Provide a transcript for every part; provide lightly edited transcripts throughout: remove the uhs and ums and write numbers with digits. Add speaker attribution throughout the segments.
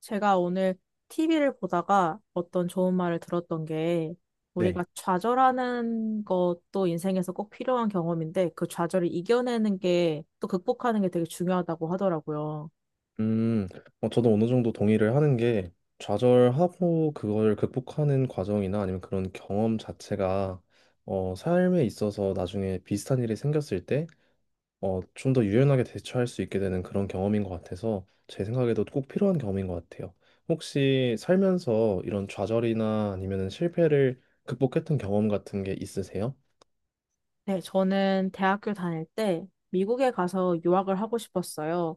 Speaker 1: 제가 오늘 TV를 보다가 어떤 좋은 말을 들었던 게
Speaker 2: 네.
Speaker 1: 우리가 좌절하는 것도 인생에서 꼭 필요한 경험인데 그 좌절을 이겨내는 게 또 극복하는 게 되게 중요하다고 하더라고요.
Speaker 2: 음, 저도 어느 정도 동의를 하는 게 좌절하고 그걸 극복하는 과정이나 아니면 그런 경험 자체가 삶에 있어서 나중에 비슷한 일이 생겼을 때 좀 더 유연하게 대처할 수 있게 되는 그런 경험인 것 같아서 제 생각에도 꼭 필요한 경험인 것 같아요. 혹시 살면서 이런 좌절이나 아니면 실패를 극복했던 경험 같은 게 있으세요?
Speaker 1: 네, 저는 대학교 다닐 때 미국에 가서 유학을 하고 싶었어요.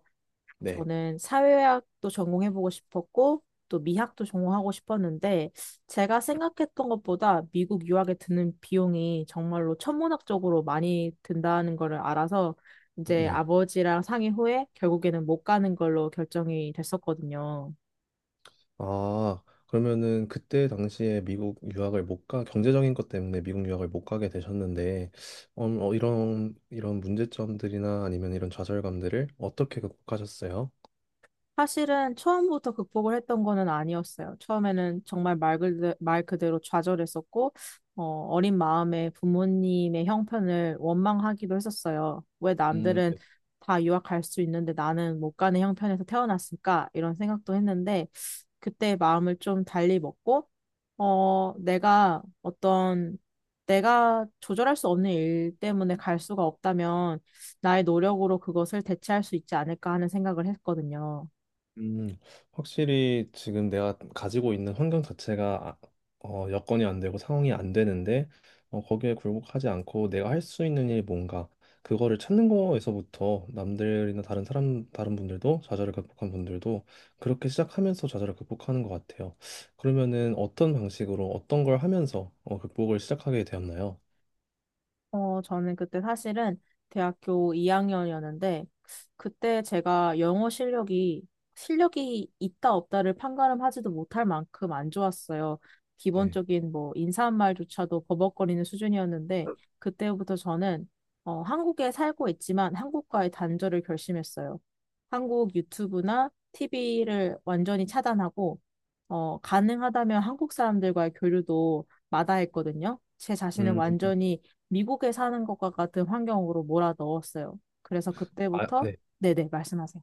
Speaker 2: 네.
Speaker 1: 저는 사회학도 전공해보고 싶었고, 또 미학도 전공하고 싶었는데, 제가 생각했던 것보다 미국 유학에 드는 비용이 정말로 천문학적으로 많이 든다는 거를 알아서, 이제
Speaker 2: 네.
Speaker 1: 아버지랑 상의 후에 결국에는 못 가는 걸로 결정이 됐었거든요.
Speaker 2: 아, 그러면은 그때 당시에 미국 유학을 못 가, 경제적인 것 때문에 미국 유학을 못 가게 되셨는데, 이런 문제점들이나 아니면 이런 좌절감들을 어떻게 극복하셨어요?
Speaker 1: 사실은 처음부터 극복을 했던 거는 아니었어요. 처음에는 정말 말 그대로 좌절했었고, 어, 어린 마음에 부모님의 형편을 원망하기도 했었어요. 왜 남들은 다 유학 갈 수 있는데 나는 못 가는 형편에서 태어났을까? 이런 생각도 했는데, 그때 마음을 좀 달리 먹고, 어, 내가 어떤, 내가 조절할 수 없는 일 때문에 갈 수가 없다면, 나의 노력으로 그것을 대체할 수 있지 않을까 하는 생각을 했거든요.
Speaker 2: 음, 확실히 지금 내가 가지고 있는 환경 자체가 여건이 안 되고 상황이 안 되는데 거기에 굴복하지 않고 내가 할 수 있는 일이 뭔가 그거를 찾는 거에서부터 남들이나 다른 사람 다른 분들도 좌절을 극복한 분들도 그렇게 시작하면서 좌절을 극복하는 것 같아요. 그러면은 어떤 방식으로 어떤 걸 하면서 극복을 시작하게 되었나요?
Speaker 1: 저는 그때 사실은 대학교 2학년이었는데, 그때 제가 영어 실력이 있다 없다를 판가름하지도 못할 만큼 안 좋았어요.
Speaker 2: 네.
Speaker 1: 기본적인 뭐 인사말조차도 버벅거리는 수준이었는데, 그때부터 저는 한국에 살고 있지만 한국과의 단절을 결심했어요. 한국 유튜브나 TV를 완전히 차단하고, 가능하다면 한국 사람들과의 교류도 마다했거든요. 제 자신을
Speaker 2: 음,
Speaker 1: 완전히 미국에 사는 것과 같은 환경으로 몰아 넣었어요. 그래서
Speaker 2: 아,
Speaker 1: 그때부터.
Speaker 2: 네.
Speaker 1: 네네, 말씀하세요.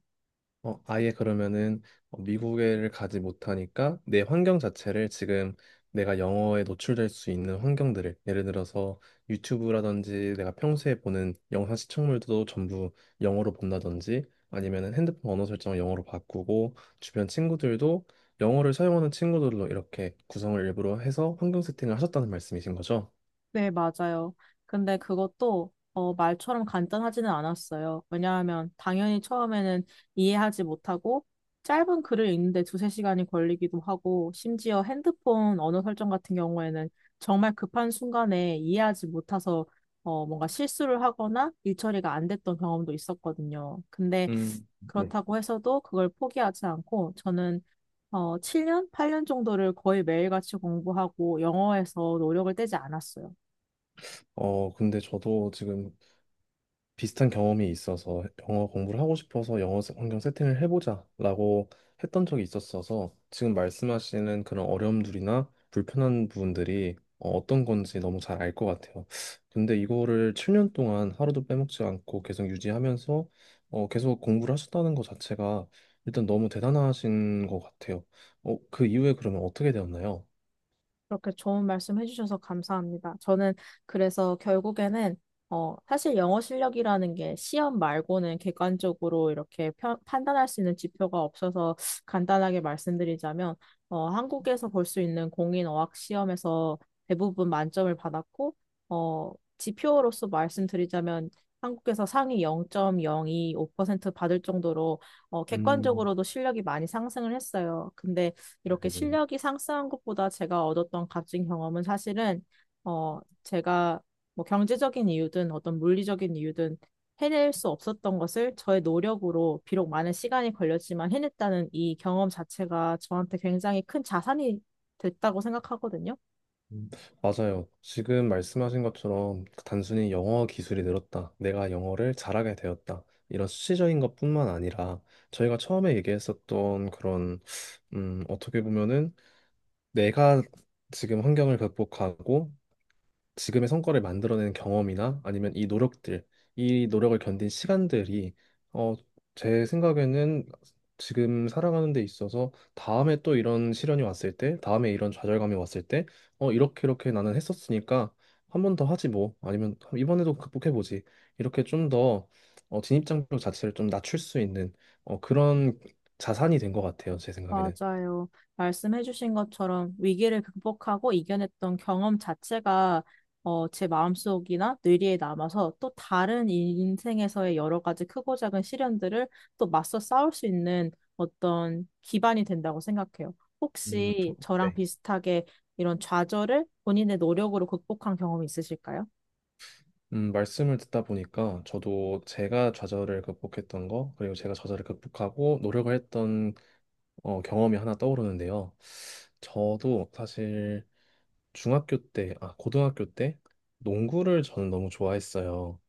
Speaker 2: 아예 그러면은 미국에를 가지 못하니까 내 환경 자체를 지금 내가 영어에 노출될 수 있는 환경들을 예를 들어서 유튜브라든지 내가 평소에 보는 영상 시청물도 전부 영어로 본다든지 아니면은 핸드폰 언어 설정을 영어로 바꾸고 주변 친구들도 영어를 사용하는 친구들로 이렇게 구성을 일부러 해서 환경 세팅을 하셨다는 말씀이신 거죠?
Speaker 1: 네, 맞아요. 근데 그것도 말처럼 간단하지는 않았어요. 왜냐하면 당연히 처음에는 이해하지 못하고 짧은 글을 읽는데 두세 시간이 걸리기도 하고, 심지어 핸드폰 언어 설정 같은 경우에는 정말 급한 순간에 이해하지 못해서 뭔가 실수를 하거나 일처리가 안 됐던 경험도 있었거든요. 근데
Speaker 2: 음, 네.
Speaker 1: 그렇다고 해서도 그걸 포기하지 않고 저는 7년? 8년 정도를 거의 매일같이 공부하고 영어에서 노력을 떼지 않았어요.
Speaker 2: 근데 저도 지금 비슷한 경험이 있어서 영어 공부를 하고 싶어서 환경 세팅을 해보자라고 했던 적이 있었어서 지금 말씀하시는 그런 어려움들이나 불편한 부분들이 어떤 건지 너무 잘 알 것 같아요. 근데 이거를 7년 동안 하루도 빼먹지 않고 계속 유지하면서 계속 공부를 하셨다는 것 자체가 일단 너무 대단하신 것 같아요. 그 이후에 그러면 어떻게 되었나요?
Speaker 1: 그렇게 좋은 말씀 해주셔서 감사합니다. 저는 그래서 결국에는 사실 영어 실력이라는 게 시험 말고는 객관적으로 이렇게 판단할 수 있는 지표가 없어서, 간단하게 말씀드리자면 한국에서 볼 수 있는 공인 어학 시험에서 대부분 만점을 받았고, 어, 지표로서 말씀드리자면 한국에서 상위 0.025% 받을 정도로
Speaker 2: 음,
Speaker 1: 객관적으로도 실력이 많이 상승을 했어요. 근데 이렇게
Speaker 2: 네네.
Speaker 1: 실력이 상승한 것보다 제가 얻었던 값진 경험은 사실은 제가 뭐 경제적인 이유든 어떤 물리적인 이유든 해낼 수 없었던 것을 저의 노력으로 비록 많은 시간이 걸렸지만 해냈다는 이 경험 자체가 저한테 굉장히 큰 자산이 됐다고 생각하거든요.
Speaker 2: 음, 맞아요. 지금 말씀하신 것처럼 단순히 영어 기술이 늘었다. 내가 영어를 잘하게 되었다. 이런 수치적인 것뿐만 아니라 저희가 처음에 얘기했었던 그런 어떻게 보면은 내가 지금 환경을 극복하고 지금의 성과를 만들어낸 경험이나 아니면 이 노력들, 이 노력을 견딘 시간들이 어, 제 생각에는 지금 살아가는 데 있어서 다음에 또 이런 시련이 왔을 때, 다음에 이런 좌절감이 왔을 때, 이렇게 이렇게 나는 했었으니까 한 번 더 하지 뭐, 아니면 이번에도 극복해보지. 이렇게 좀 더 진입장벽 자체를 좀 낮출 수 있는 그런 자산이 된 것 같아요, 제 생각에는.
Speaker 1: 맞아요. 말씀해주신 것처럼 위기를 극복하고 이겨냈던 경험 자체가 제 마음속이나 뇌리에 남아서 또 다른 인생에서의 여러 가지 크고 작은 시련들을 또 맞서 싸울 수 있는 어떤 기반이 된다고 생각해요. 혹시 저랑
Speaker 2: 네.
Speaker 1: 비슷하게 이런 좌절을 본인의 노력으로 극복한 경험이 있으실까요?
Speaker 2: 말씀을 듣다 보니까 저도 제가 좌절을 극복했던 거, 그리고 제가 좌절을 극복하고 노력을 했던 경험이 하나 떠오르는데요. 저도 사실 중학교 때, 아, 고등학교 때 농구를 저는 너무 좋아했어요.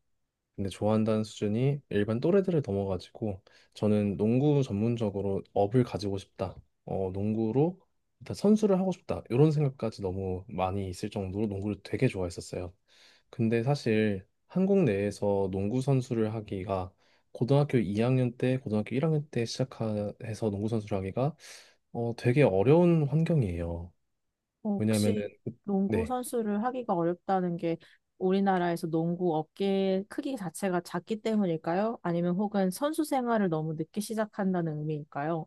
Speaker 2: 근데 좋아한다는 수준이 일반 또래들을 넘어가지고 저는 농구 전문적으로 업을 가지고 싶다. 농구로 일단 선수를 하고 싶다. 이런 생각까지 너무 많이 있을 정도로 농구를 되게 좋아했었어요. 근데 사실 한국 내에서 농구 선수를 하기가 고등학교 2학년 때, 고등학교 1학년 때 시작해서 농구 선수를 하기가 되게 어려운 환경이에요. 왜냐면은
Speaker 1: 혹시
Speaker 2: 그,
Speaker 1: 농구
Speaker 2: 네.
Speaker 1: 선수를 하기가 어렵다는 게 우리나라에서 농구 업계 크기 자체가 작기 때문일까요? 아니면 혹은 선수 생활을 너무 늦게 시작한다는 의미일까요?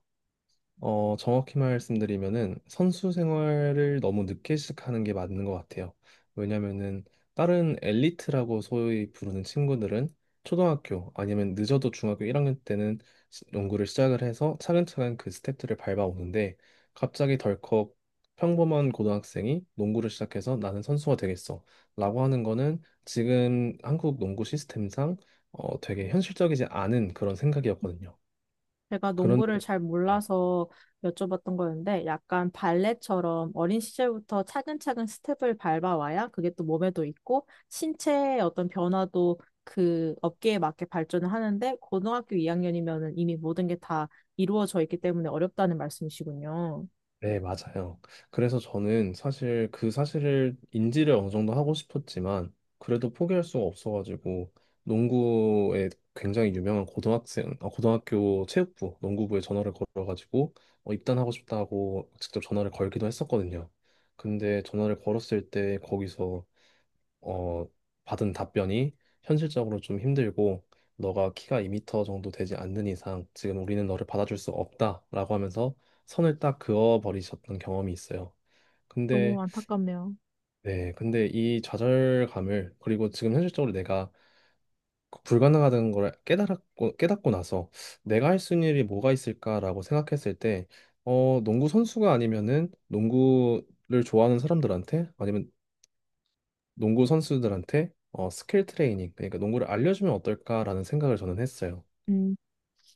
Speaker 2: 정확히 말씀드리면은 선수 생활을 너무 늦게 시작하는 게 맞는 것 같아요. 왜냐면은 다른 엘리트라고 소위 부르는 친구들은 초등학교 아니면 늦어도 중학교 1학년 때는 농구를 시작을 해서 차근차근 그 스텝들을 밟아오는데 갑자기 덜컥 평범한 고등학생이 농구를 시작해서 나는 선수가 되겠어 라고 하는 거는 지금 한국 농구 시스템상 되게 현실적이지 않은 그런 생각이었거든요.
Speaker 1: 제가
Speaker 2: 그런데
Speaker 1: 농구를 잘
Speaker 2: 네.
Speaker 1: 몰라서 여쭤봤던 거였는데, 약간 발레처럼 어린 시절부터 차근차근 스텝을 밟아와야 그게 또 몸에도 있고 신체의 어떤 변화도 그 업계에 맞게 발전을 하는데, 고등학교 2학년이면은 이미 모든 게 다 이루어져 있기 때문에 어렵다는 말씀이시군요.
Speaker 2: 네, 맞아요. 그래서 저는 사실 그 사실을 인지를 어느 정도 하고 싶었지만 그래도 포기할 수가 없어가지고 농구에 굉장히 유명한 고등학생, 아, 고등학교 체육부 농구부에 전화를 걸어가지고 입단하고 싶다고 직접 전화를 걸기도 했었거든요. 근데 전화를 걸었을 때 거기서 어, 받은 답변이 현실적으로 좀 힘들고 너가 키가 2미터 정도 되지 않는 이상 지금 우리는 너를 받아줄 수 없다라고 하면서 선을 딱 그어버리셨던 경험이 있어요.
Speaker 1: 너무
Speaker 2: 근데
Speaker 1: 안타깝네요.
Speaker 2: 네, 근데 이 좌절감을 그리고 지금 현실적으로 내가 불가능하다는 걸 깨달았고 깨닫고 나서 내가 할 수 있는 일이 뭐가 있을까라고 생각했을 때 농구 선수가 아니면은 농구를 좋아하는 사람들한테 아니면 농구 선수들한테 스킬 트레이닝, 그러니까 농구를 알려주면 어떨까라는 생각을 저는 했어요.
Speaker 1: 음,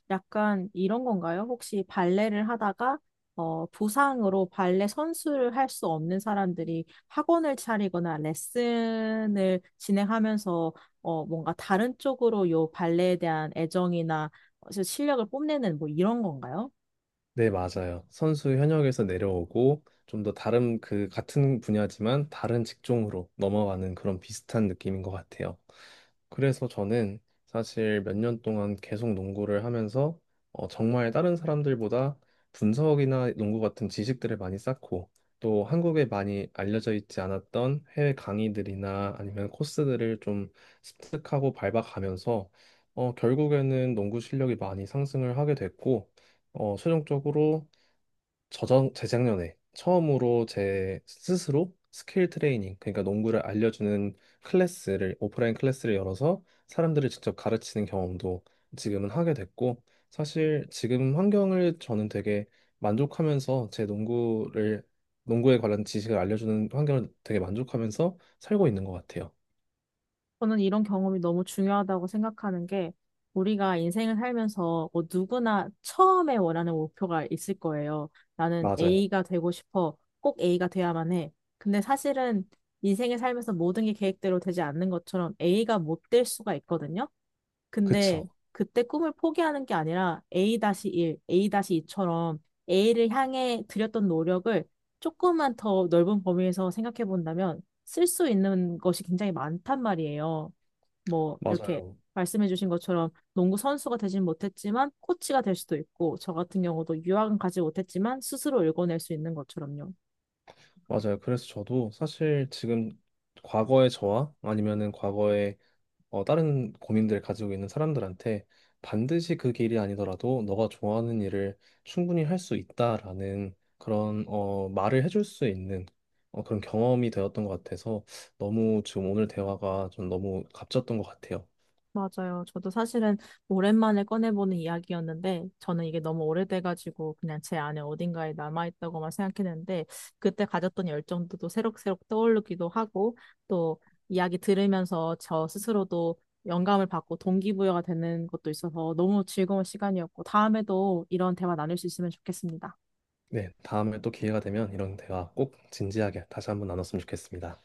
Speaker 1: 약간 이런 건가요? 혹시 발레를 하다가 부상으로 발레 선수를 할 수 없는 사람들이 학원을 차리거나 레슨을 진행하면서 뭔가 다른 쪽으로 요 발레에 대한 애정이나 실력을 뽐내는 뭐 이런 건가요?
Speaker 2: 네, 맞아요. 선수 현역에서 내려오고 좀 더 다른 그 같은 분야지만 다른 직종으로 넘어가는 그런 비슷한 느낌인 것 같아요. 그래서 저는 사실 몇 년 동안 계속 농구를 하면서 정말 다른 사람들보다 분석이나 농구 같은 지식들을 많이 쌓고 또 한국에 많이 알려져 있지 않았던 해외 강의들이나 아니면 코스들을 좀 습득하고 밟아가면서 결국에는 농구 실력이 많이 상승을 하게 됐고 최종적으로 저전 재작년에 처음으로 제 스스로 스킬 트레이닝, 그러니까 농구를 알려주는 클래스를 오프라인 클래스를 열어서 사람들을 직접 가르치는 경험도 지금은 하게 됐고 사실 지금 환경을 저는 되게 만족하면서 제 농구를 농구에 관한 지식을 알려주는 환경을 되게 만족하면서 살고 있는 것 같아요.
Speaker 1: 저는 이런 경험이 너무 중요하다고 생각하는 게, 우리가 인생을 살면서 뭐 누구나 처음에 원하는 목표가 있을 거예요. 나는
Speaker 2: 맞아요.
Speaker 1: A가 되고 싶어. 꼭 A가 돼야만 해. 근데 사실은 인생을 살면서 모든 게 계획대로 되지 않는 것처럼 A가 못 될 수가 있거든요. 근데
Speaker 2: 그쵸.
Speaker 1: 그때 꿈을 포기하는 게 아니라 A-1, A-2처럼 A를 향해 들였던 노력을 조금만 더 넓은 범위에서 생각해 본다면 쓸 수 있는 것이 굉장히 많단 말이에요. 뭐 이렇게
Speaker 2: 맞아요.
Speaker 1: 말씀해 주신 것처럼 농구 선수가 되진 못했지만 코치가 될 수도 있고, 저 같은 경우도 유학은 가지 못했지만 스스로 읽어낼 수 있는 것처럼요.
Speaker 2: 맞아요. 그래서 저도 사실 지금 과거의 저와 아니면은 과거의 다른 고민들 가지고 있는 사람들한테 반드시 그 길이 아니더라도 너가 좋아하는 일을 충분히 할 수 있다라는 그런 말을 해줄 수 있는 그런 경험이 되었던 것 같아서 너무 지금 오늘 대화가 좀 너무 값졌던 것 같아요.
Speaker 1: 맞아요. 저도 사실은 오랜만에 꺼내보는 이야기였는데, 저는 이게 너무 오래돼가지고 그냥 제 안에 어딘가에 남아있다고만 생각했는데, 그때 가졌던 열정도 또 새록새록 떠오르기도 하고, 또 이야기 들으면서 저 스스로도 영감을 받고 동기부여가 되는 것도 있어서 너무 즐거운 시간이었고, 다음에도 이런 대화 나눌 수 있으면 좋겠습니다.
Speaker 2: 네, 다음에 또 기회가 되면 이런 대화 꼭 진지하게 다시 한번 나눴으면 좋겠습니다.